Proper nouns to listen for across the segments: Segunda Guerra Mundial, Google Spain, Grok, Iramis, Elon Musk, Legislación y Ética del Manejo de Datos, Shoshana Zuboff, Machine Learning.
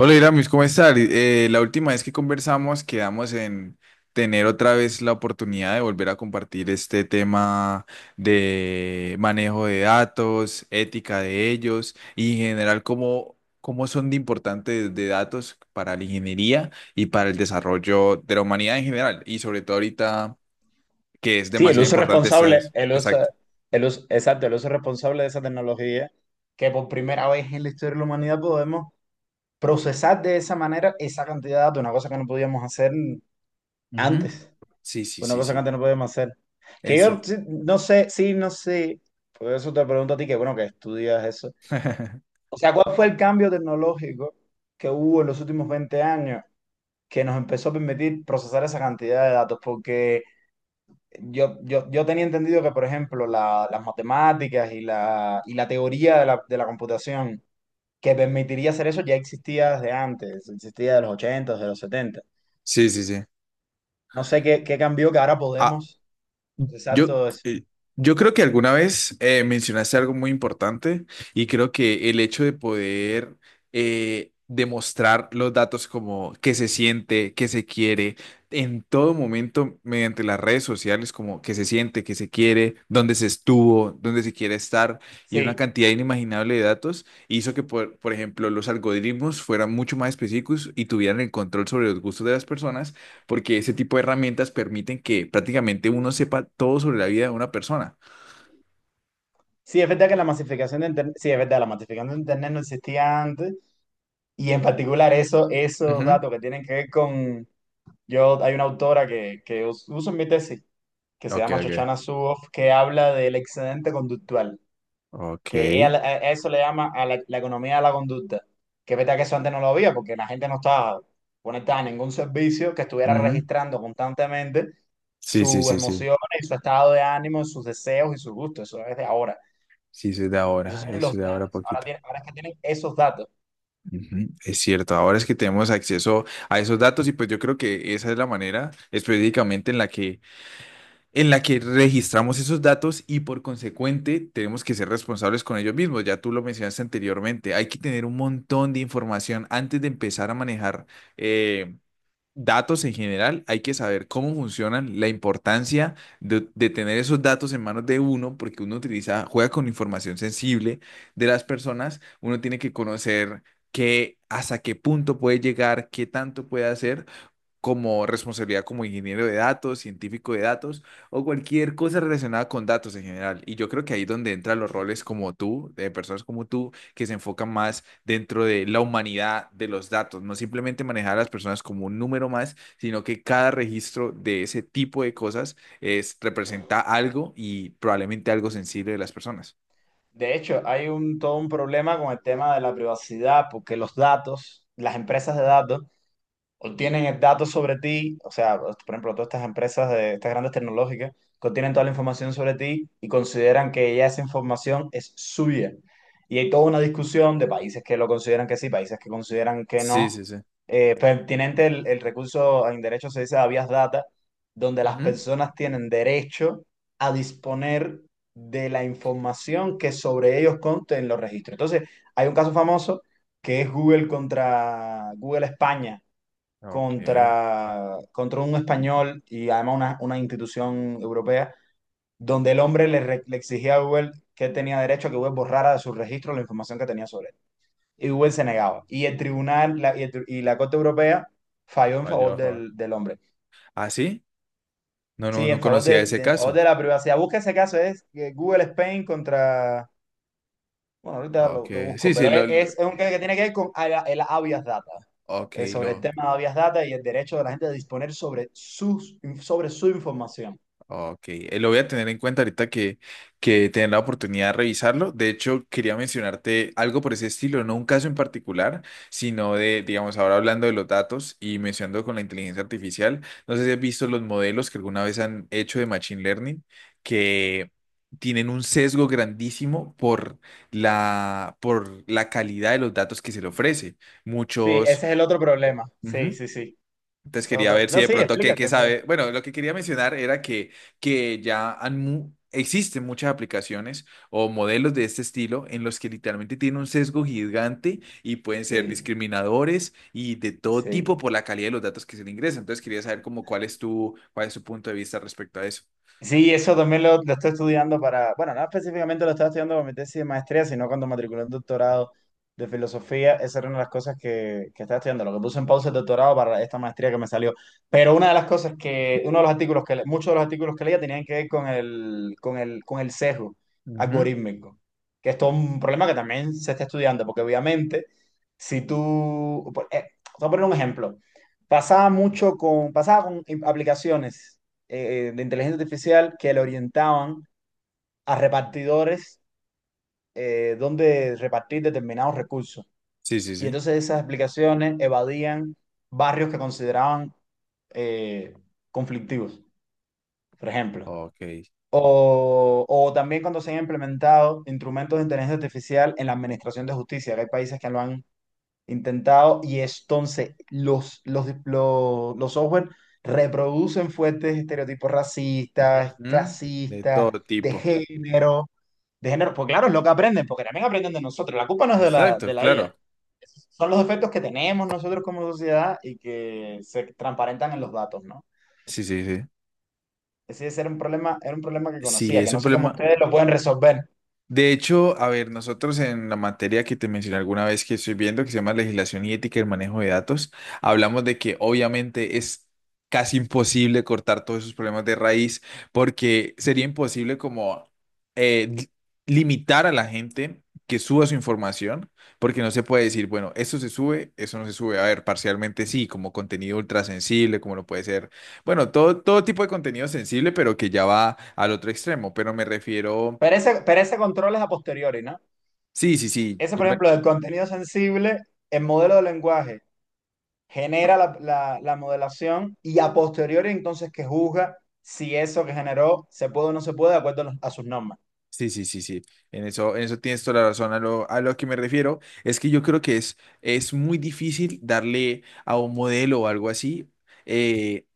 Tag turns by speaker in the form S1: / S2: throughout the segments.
S1: Hola Iramis, ¿cómo estás? La última vez que conversamos quedamos en tener otra vez la oportunidad de volver a compartir este tema de manejo de datos, ética de ellos y en general cómo son de importantes de datos para la ingeniería y para el desarrollo de la humanidad en general y sobre todo ahorita que es
S2: Sí, el
S1: demasiado
S2: uso
S1: importante.
S2: responsable,
S1: Exacto.
S2: exacto, el uso responsable de esa tecnología que por primera vez en la historia de la humanidad podemos procesar de esa manera esa cantidad de datos, una cosa que no podíamos hacer
S1: Ujú.
S2: antes,
S1: Sí, sí,
S2: una
S1: sí,
S2: cosa que
S1: sí.
S2: antes no podíamos hacer. Que
S1: Eso.
S2: yo sí, no sé, por eso te pregunto a ti que bueno, que estudias eso. O sea, ¿cuál fue el cambio tecnológico que hubo en los últimos 20 años que nos empezó a permitir procesar esa cantidad de datos? Porque yo tenía entendido que, por ejemplo, las matemáticas y la teoría de de la computación que permitiría hacer eso ya existía desde antes, existía de los 80, de los 70.
S1: Sí, sí, sí.
S2: No sé qué, qué cambió que ahora podemos.
S1: Yo,
S2: Exacto,
S1: eh, yo creo que alguna vez mencionaste algo muy importante y creo que el hecho de poder demostrar los datos como que se siente, que se quiere, en todo momento mediante las redes sociales, como que se siente, que se quiere, dónde se estuvo, dónde se quiere estar y una
S2: sí.
S1: cantidad inimaginable de datos hizo que, por ejemplo, los algoritmos fueran mucho más específicos y tuvieran el control sobre los gustos de las personas porque ese tipo de herramientas permiten que prácticamente uno sepa todo sobre la vida de una persona.
S2: Sí, es verdad que la masificación de Internet, sí, es verdad, la masificación de Internet no existía antes. Y en particular eso, esos
S1: Ujú.
S2: datos que tienen que ver con... Yo, hay una autora que, uso en mi tesis, que se
S1: Ok,
S2: llama
S1: ok.
S2: Shoshana Zuboff, que habla del excedente conductual.
S1: Ok.
S2: Que ella, a eso le llama la economía de la conducta. Que es verdad que eso antes no lo había, porque la gente no estaba conectada a ningún servicio que estuviera
S1: Ujú.
S2: registrando constantemente
S1: Sí, sí,
S2: sus
S1: sí, sí.
S2: emociones, y su estado de ánimo, sus deseos y sus gustos. Eso es de ahora.
S1: Sí, eso es de
S2: Esos
S1: ahora,
S2: son
S1: eso
S2: los
S1: es de ahora
S2: datos. Ahora,
S1: poquito.
S2: ahora es que tienen esos datos.
S1: Ujú. Es cierto, ahora es que tenemos acceso a esos datos y pues yo creo que esa es la manera específicamente en en la que registramos esos datos y por consecuente tenemos que ser responsables con ellos mismos. Ya tú lo mencionaste anteriormente, hay que tener un montón de información antes de empezar a manejar eh, datos en general, hay que saber cómo funcionan, la importancia de tener esos datos en manos de uno, porque uno utiliza, juega con información sensible de las personas, uno tiene que conocer que hasta qué punto puede llegar, qué tanto puede hacer como responsabilidad como ingeniero de datos, científico de datos o cualquier cosa relacionada con datos en general. Y yo creo que ahí es donde entran los roles como tú, de personas como tú, que se enfocan más dentro de la humanidad de los datos, no simplemente manejar a las personas como un número más, sino que cada registro de ese tipo de cosas es, representa algo y probablemente algo sensible de las personas.
S2: De hecho, hay un, todo un problema con el tema de la privacidad, porque los datos, las empresas de datos, obtienen el dato sobre ti, o sea, por ejemplo, todas estas empresas de estas grandes tecnológicas que obtienen toda la información sobre ti y consideran que ya esa información es suya. Y hay toda una discusión de países que lo consideran que sí, países que consideran que
S1: Sí,
S2: no.
S1: sí, sí.
S2: Pertinente el recurso en derecho se dice habeas data, donde las
S1: Ujú.
S2: personas tienen derecho a disponer de la información que sobre ellos conste en los registros. Entonces, hay un caso famoso que es Google contra Google España
S1: Ok.
S2: contra, contra un español y además una institución europea, donde el hombre le exigía a Google que él tenía derecho a que Google borrara de su registro la información que tenía sobre él. Y Google se negaba. Y el tribunal la- y, el tri- y la Corte Europea falló en
S1: Falló,
S2: favor
S1: a favor.
S2: del hombre.
S1: ¿Ah, sí? No, no,
S2: Sí,
S1: no
S2: en favor
S1: conocía ese
S2: en favor
S1: caso.
S2: de la privacidad. Busca ese caso, es Google Spain contra... Bueno, ahorita
S1: Ok,
S2: lo busco,
S1: sí, sí,
S2: pero es un caso que tiene que ver con el habeas data.
S1: Ok,
S2: Sobre el tema de habeas data y el derecho de la gente a disponer sobre, sus, sobre su información.
S1: ok. Lo voy a tener en cuenta ahorita que tener la oportunidad de revisarlo. De hecho, quería mencionarte algo por ese estilo, no un caso en particular, sino de, digamos, ahora hablando de los datos y mencionando con la inteligencia artificial. No sé si has visto los modelos que alguna vez han hecho de Machine Learning, que tienen un sesgo grandísimo por por la calidad de los datos que se le ofrece.
S2: Sí,
S1: Muchos.
S2: ese es el otro problema. Sí, sí, sí.
S1: Entonces
S2: Ese es
S1: quería
S2: otro.
S1: ver si
S2: No,
S1: de
S2: sí,
S1: pronto qué
S2: explícate. Ve.
S1: sabe. Bueno, lo que quería mencionar era que ya existen muchas aplicaciones o modelos de este estilo en los que literalmente tienen un sesgo gigante y pueden ser
S2: Sí,
S1: discriminadores y de todo
S2: sí.
S1: tipo por la calidad de los datos que se le ingresan. Entonces quería saber como cuál es cuál es tu punto de vista respecto a eso.
S2: Sí, eso también lo estoy estudiando para, bueno, no específicamente lo estaba estudiando para mi tesis de maestría, sino cuando matriculé un doctorado de filosofía, esa era una de las cosas que estaba estudiando, lo que puse en pausa el doctorado para esta maestría que me salió. Pero una de las cosas que, uno de los artículos que, muchos de los artículos que leía tenían que ver con con el sesgo
S1: Ujú.
S2: algorítmico, que esto es todo un problema que también se está estudiando, porque obviamente, si tú, te voy a poner un ejemplo, pasaba mucho con, pasaba con aplicaciones de inteligencia artificial que le orientaban a repartidores donde repartir determinados recursos.
S1: Sí, sí,
S2: Y
S1: sí.
S2: entonces esas aplicaciones evadían barrios que consideraban eh, conflictivos, por ejemplo.
S1: Ok.
S2: O también cuando se han implementado instrumentos de inteligencia artificial en la administración de justicia, que hay países que lo han intentado y entonces los software reproducen fuertes estereotipos racistas,
S1: Ujú. De
S2: clasistas,
S1: todo
S2: de
S1: tipo.
S2: género, de género, pues claro, es lo que aprenden, porque también aprenden de nosotros, la culpa no es
S1: Exacto,
S2: de la IA,
S1: claro.
S2: son los defectos que tenemos nosotros como sociedad y que se transparentan en los datos, ¿no?
S1: Sí, sí, sí.
S2: Ese era un problema que
S1: Sí,
S2: conocía, que
S1: es
S2: no
S1: un
S2: sé cómo
S1: problema.
S2: ustedes lo pueden resolver.
S1: De hecho, a ver, nosotros en la materia que te mencioné alguna vez que estoy viendo, que se llama Legislación y Ética del Manejo de Datos, hablamos de que obviamente es casi imposible cortar todos esos problemas de raíz porque sería imposible como eh, li- limitar a la gente que suba su información, porque no se puede decir, bueno, esto se sube, eso no se sube. A ver, parcialmente sí, como contenido ultra sensible, como lo puede ser, bueno, todo tipo de contenido sensible, pero que ya va al otro extremo, pero me refiero...
S2: Pero ese control es a posteriori, ¿no?
S1: Sí, sí, sí,
S2: Ese, por ejemplo, del contenido sensible, el modelo de lenguaje genera la modelación y a posteriori entonces que juzga si eso que generó se puede o no se puede de acuerdo a sus normas.
S1: sí, sí, sí, sí, en en eso tienes toda la razón. A a lo que me refiero es que yo creo que es muy difícil darle a un modelo o algo así eh,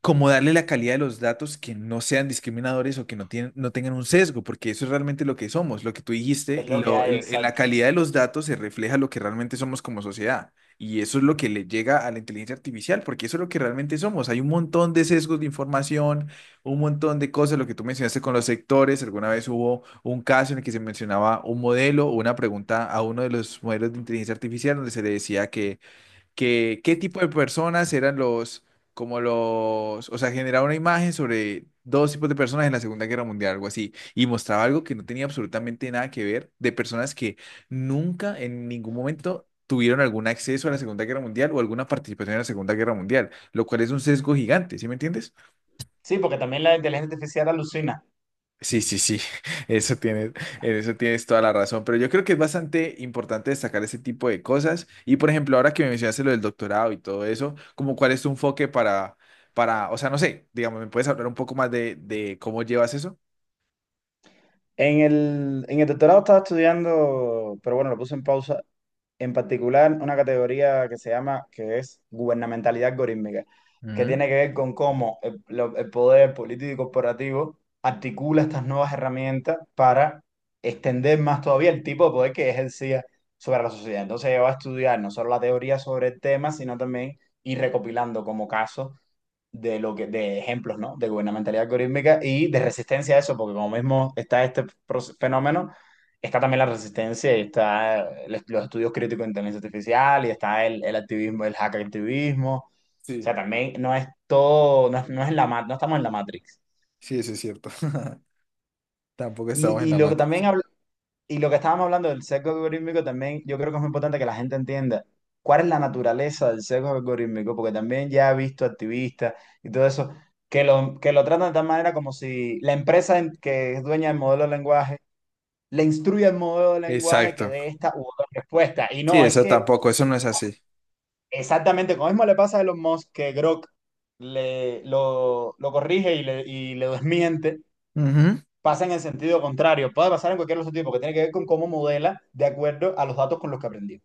S1: como darle la calidad de los datos que no sean discriminadores o que no, tienen, no tengan un sesgo, porque eso es realmente lo que somos, lo que tú dijiste,
S2: Es lo que hay,
S1: en la
S2: exacto.
S1: calidad de los datos se refleja lo que realmente somos como sociedad. Y eso es lo que le llega a la inteligencia artificial, porque eso es lo que realmente somos. Hay un montón de sesgos de información, un montón de cosas, lo que tú mencionaste con los sectores. Alguna vez hubo un caso en el que se mencionaba un modelo o una pregunta a uno de los modelos de inteligencia artificial donde se le decía que qué tipo de personas eran como o sea, generaba una imagen sobre dos tipos de personas en la Segunda Guerra Mundial, algo así, y mostraba algo que no tenía absolutamente nada que ver de personas que nunca en ningún momento tuvieron algún acceso a la Segunda Guerra Mundial o alguna participación en la Segunda Guerra Mundial, lo cual es un sesgo gigante, ¿sí me entiendes?
S2: Sí, porque también la inteligencia artificial alucina.
S1: Sí, sí, sí, eso tienes, en eso tienes toda la razón, pero yo creo que es bastante importante destacar ese tipo de cosas y por ejemplo, ahora que me mencionaste lo del doctorado y todo eso, como cuál es tu enfoque para, o sea, no sé, digamos, ¿me puedes hablar un poco más de cómo llevas eso?
S2: En en el doctorado estaba estudiando, pero bueno, lo puse en pausa, en particular una categoría que se llama, que es gubernamentalidad algorítmica, que
S1: Ujú.
S2: tiene que ver con cómo el poder político y corporativo articula estas nuevas herramientas para extender más todavía el tipo de poder que ejercía sobre la sociedad. Entonces, yo va a estudiar no solo la teoría sobre el tema, sino también ir recopilando como casos de lo que, de ejemplos, ¿no? De gubernamentalidad algorítmica y de resistencia a eso, porque como mismo está este fenómeno, está también la resistencia y está los estudios críticos de inteligencia artificial y está el activismo, el hackactivismo. O
S1: Sí,
S2: sea, también no es todo, no, no es no estamos en la Matrix.
S1: sí, eso es cierto. Tampoco estamos en
S2: Y
S1: la
S2: lo que
S1: matriz.
S2: también habla. Y lo que estábamos hablando del sesgo algorítmico también, yo creo que es muy importante que la gente entienda cuál es la naturaleza del sesgo algorítmico, porque también ya he visto activistas y todo eso que lo tratan de tal manera como si la empresa que es dueña del modelo de lenguaje le instruye el modelo de lenguaje que
S1: Exacto.
S2: dé esta u otra respuesta. Y
S1: Sí,
S2: no, es
S1: eso
S2: que
S1: tampoco, eso no es así.
S2: exactamente como mismo le pasa a Elon Musk que Grok lo corrige y le desmiente,
S1: Ujú.
S2: pasa en el sentido contrario. Puede pasar en cualquier otro tipo, que tiene que ver con cómo modela de acuerdo a los datos con los que aprendió.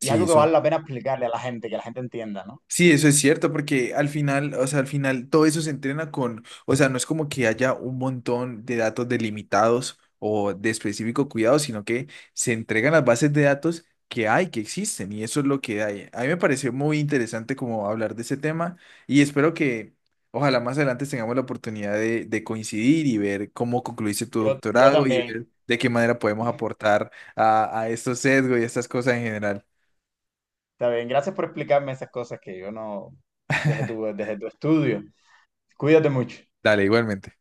S2: Y es
S1: Sí,
S2: algo que
S1: eso.
S2: vale la pena explicarle a la gente, que la gente entienda, ¿no?
S1: Sí, eso es cierto, porque al final, o sea, al final todo eso se entrena con, o sea, no es como que haya un montón de datos delimitados o de específico cuidado, sino que se entregan las bases de datos que hay, que existen, y eso es lo que hay. A mí me pareció muy interesante como hablar de ese tema y espero que ojalá más adelante tengamos la oportunidad de coincidir y ver cómo concluiste tu
S2: Yo
S1: doctorado y
S2: también.
S1: ver de qué manera podemos aportar a estos sesgos y a estas cosas en general.
S2: Está bien. Gracias por explicarme esas cosas que yo no. Desde tu estudio. Cuídate mucho.
S1: Dale, igualmente.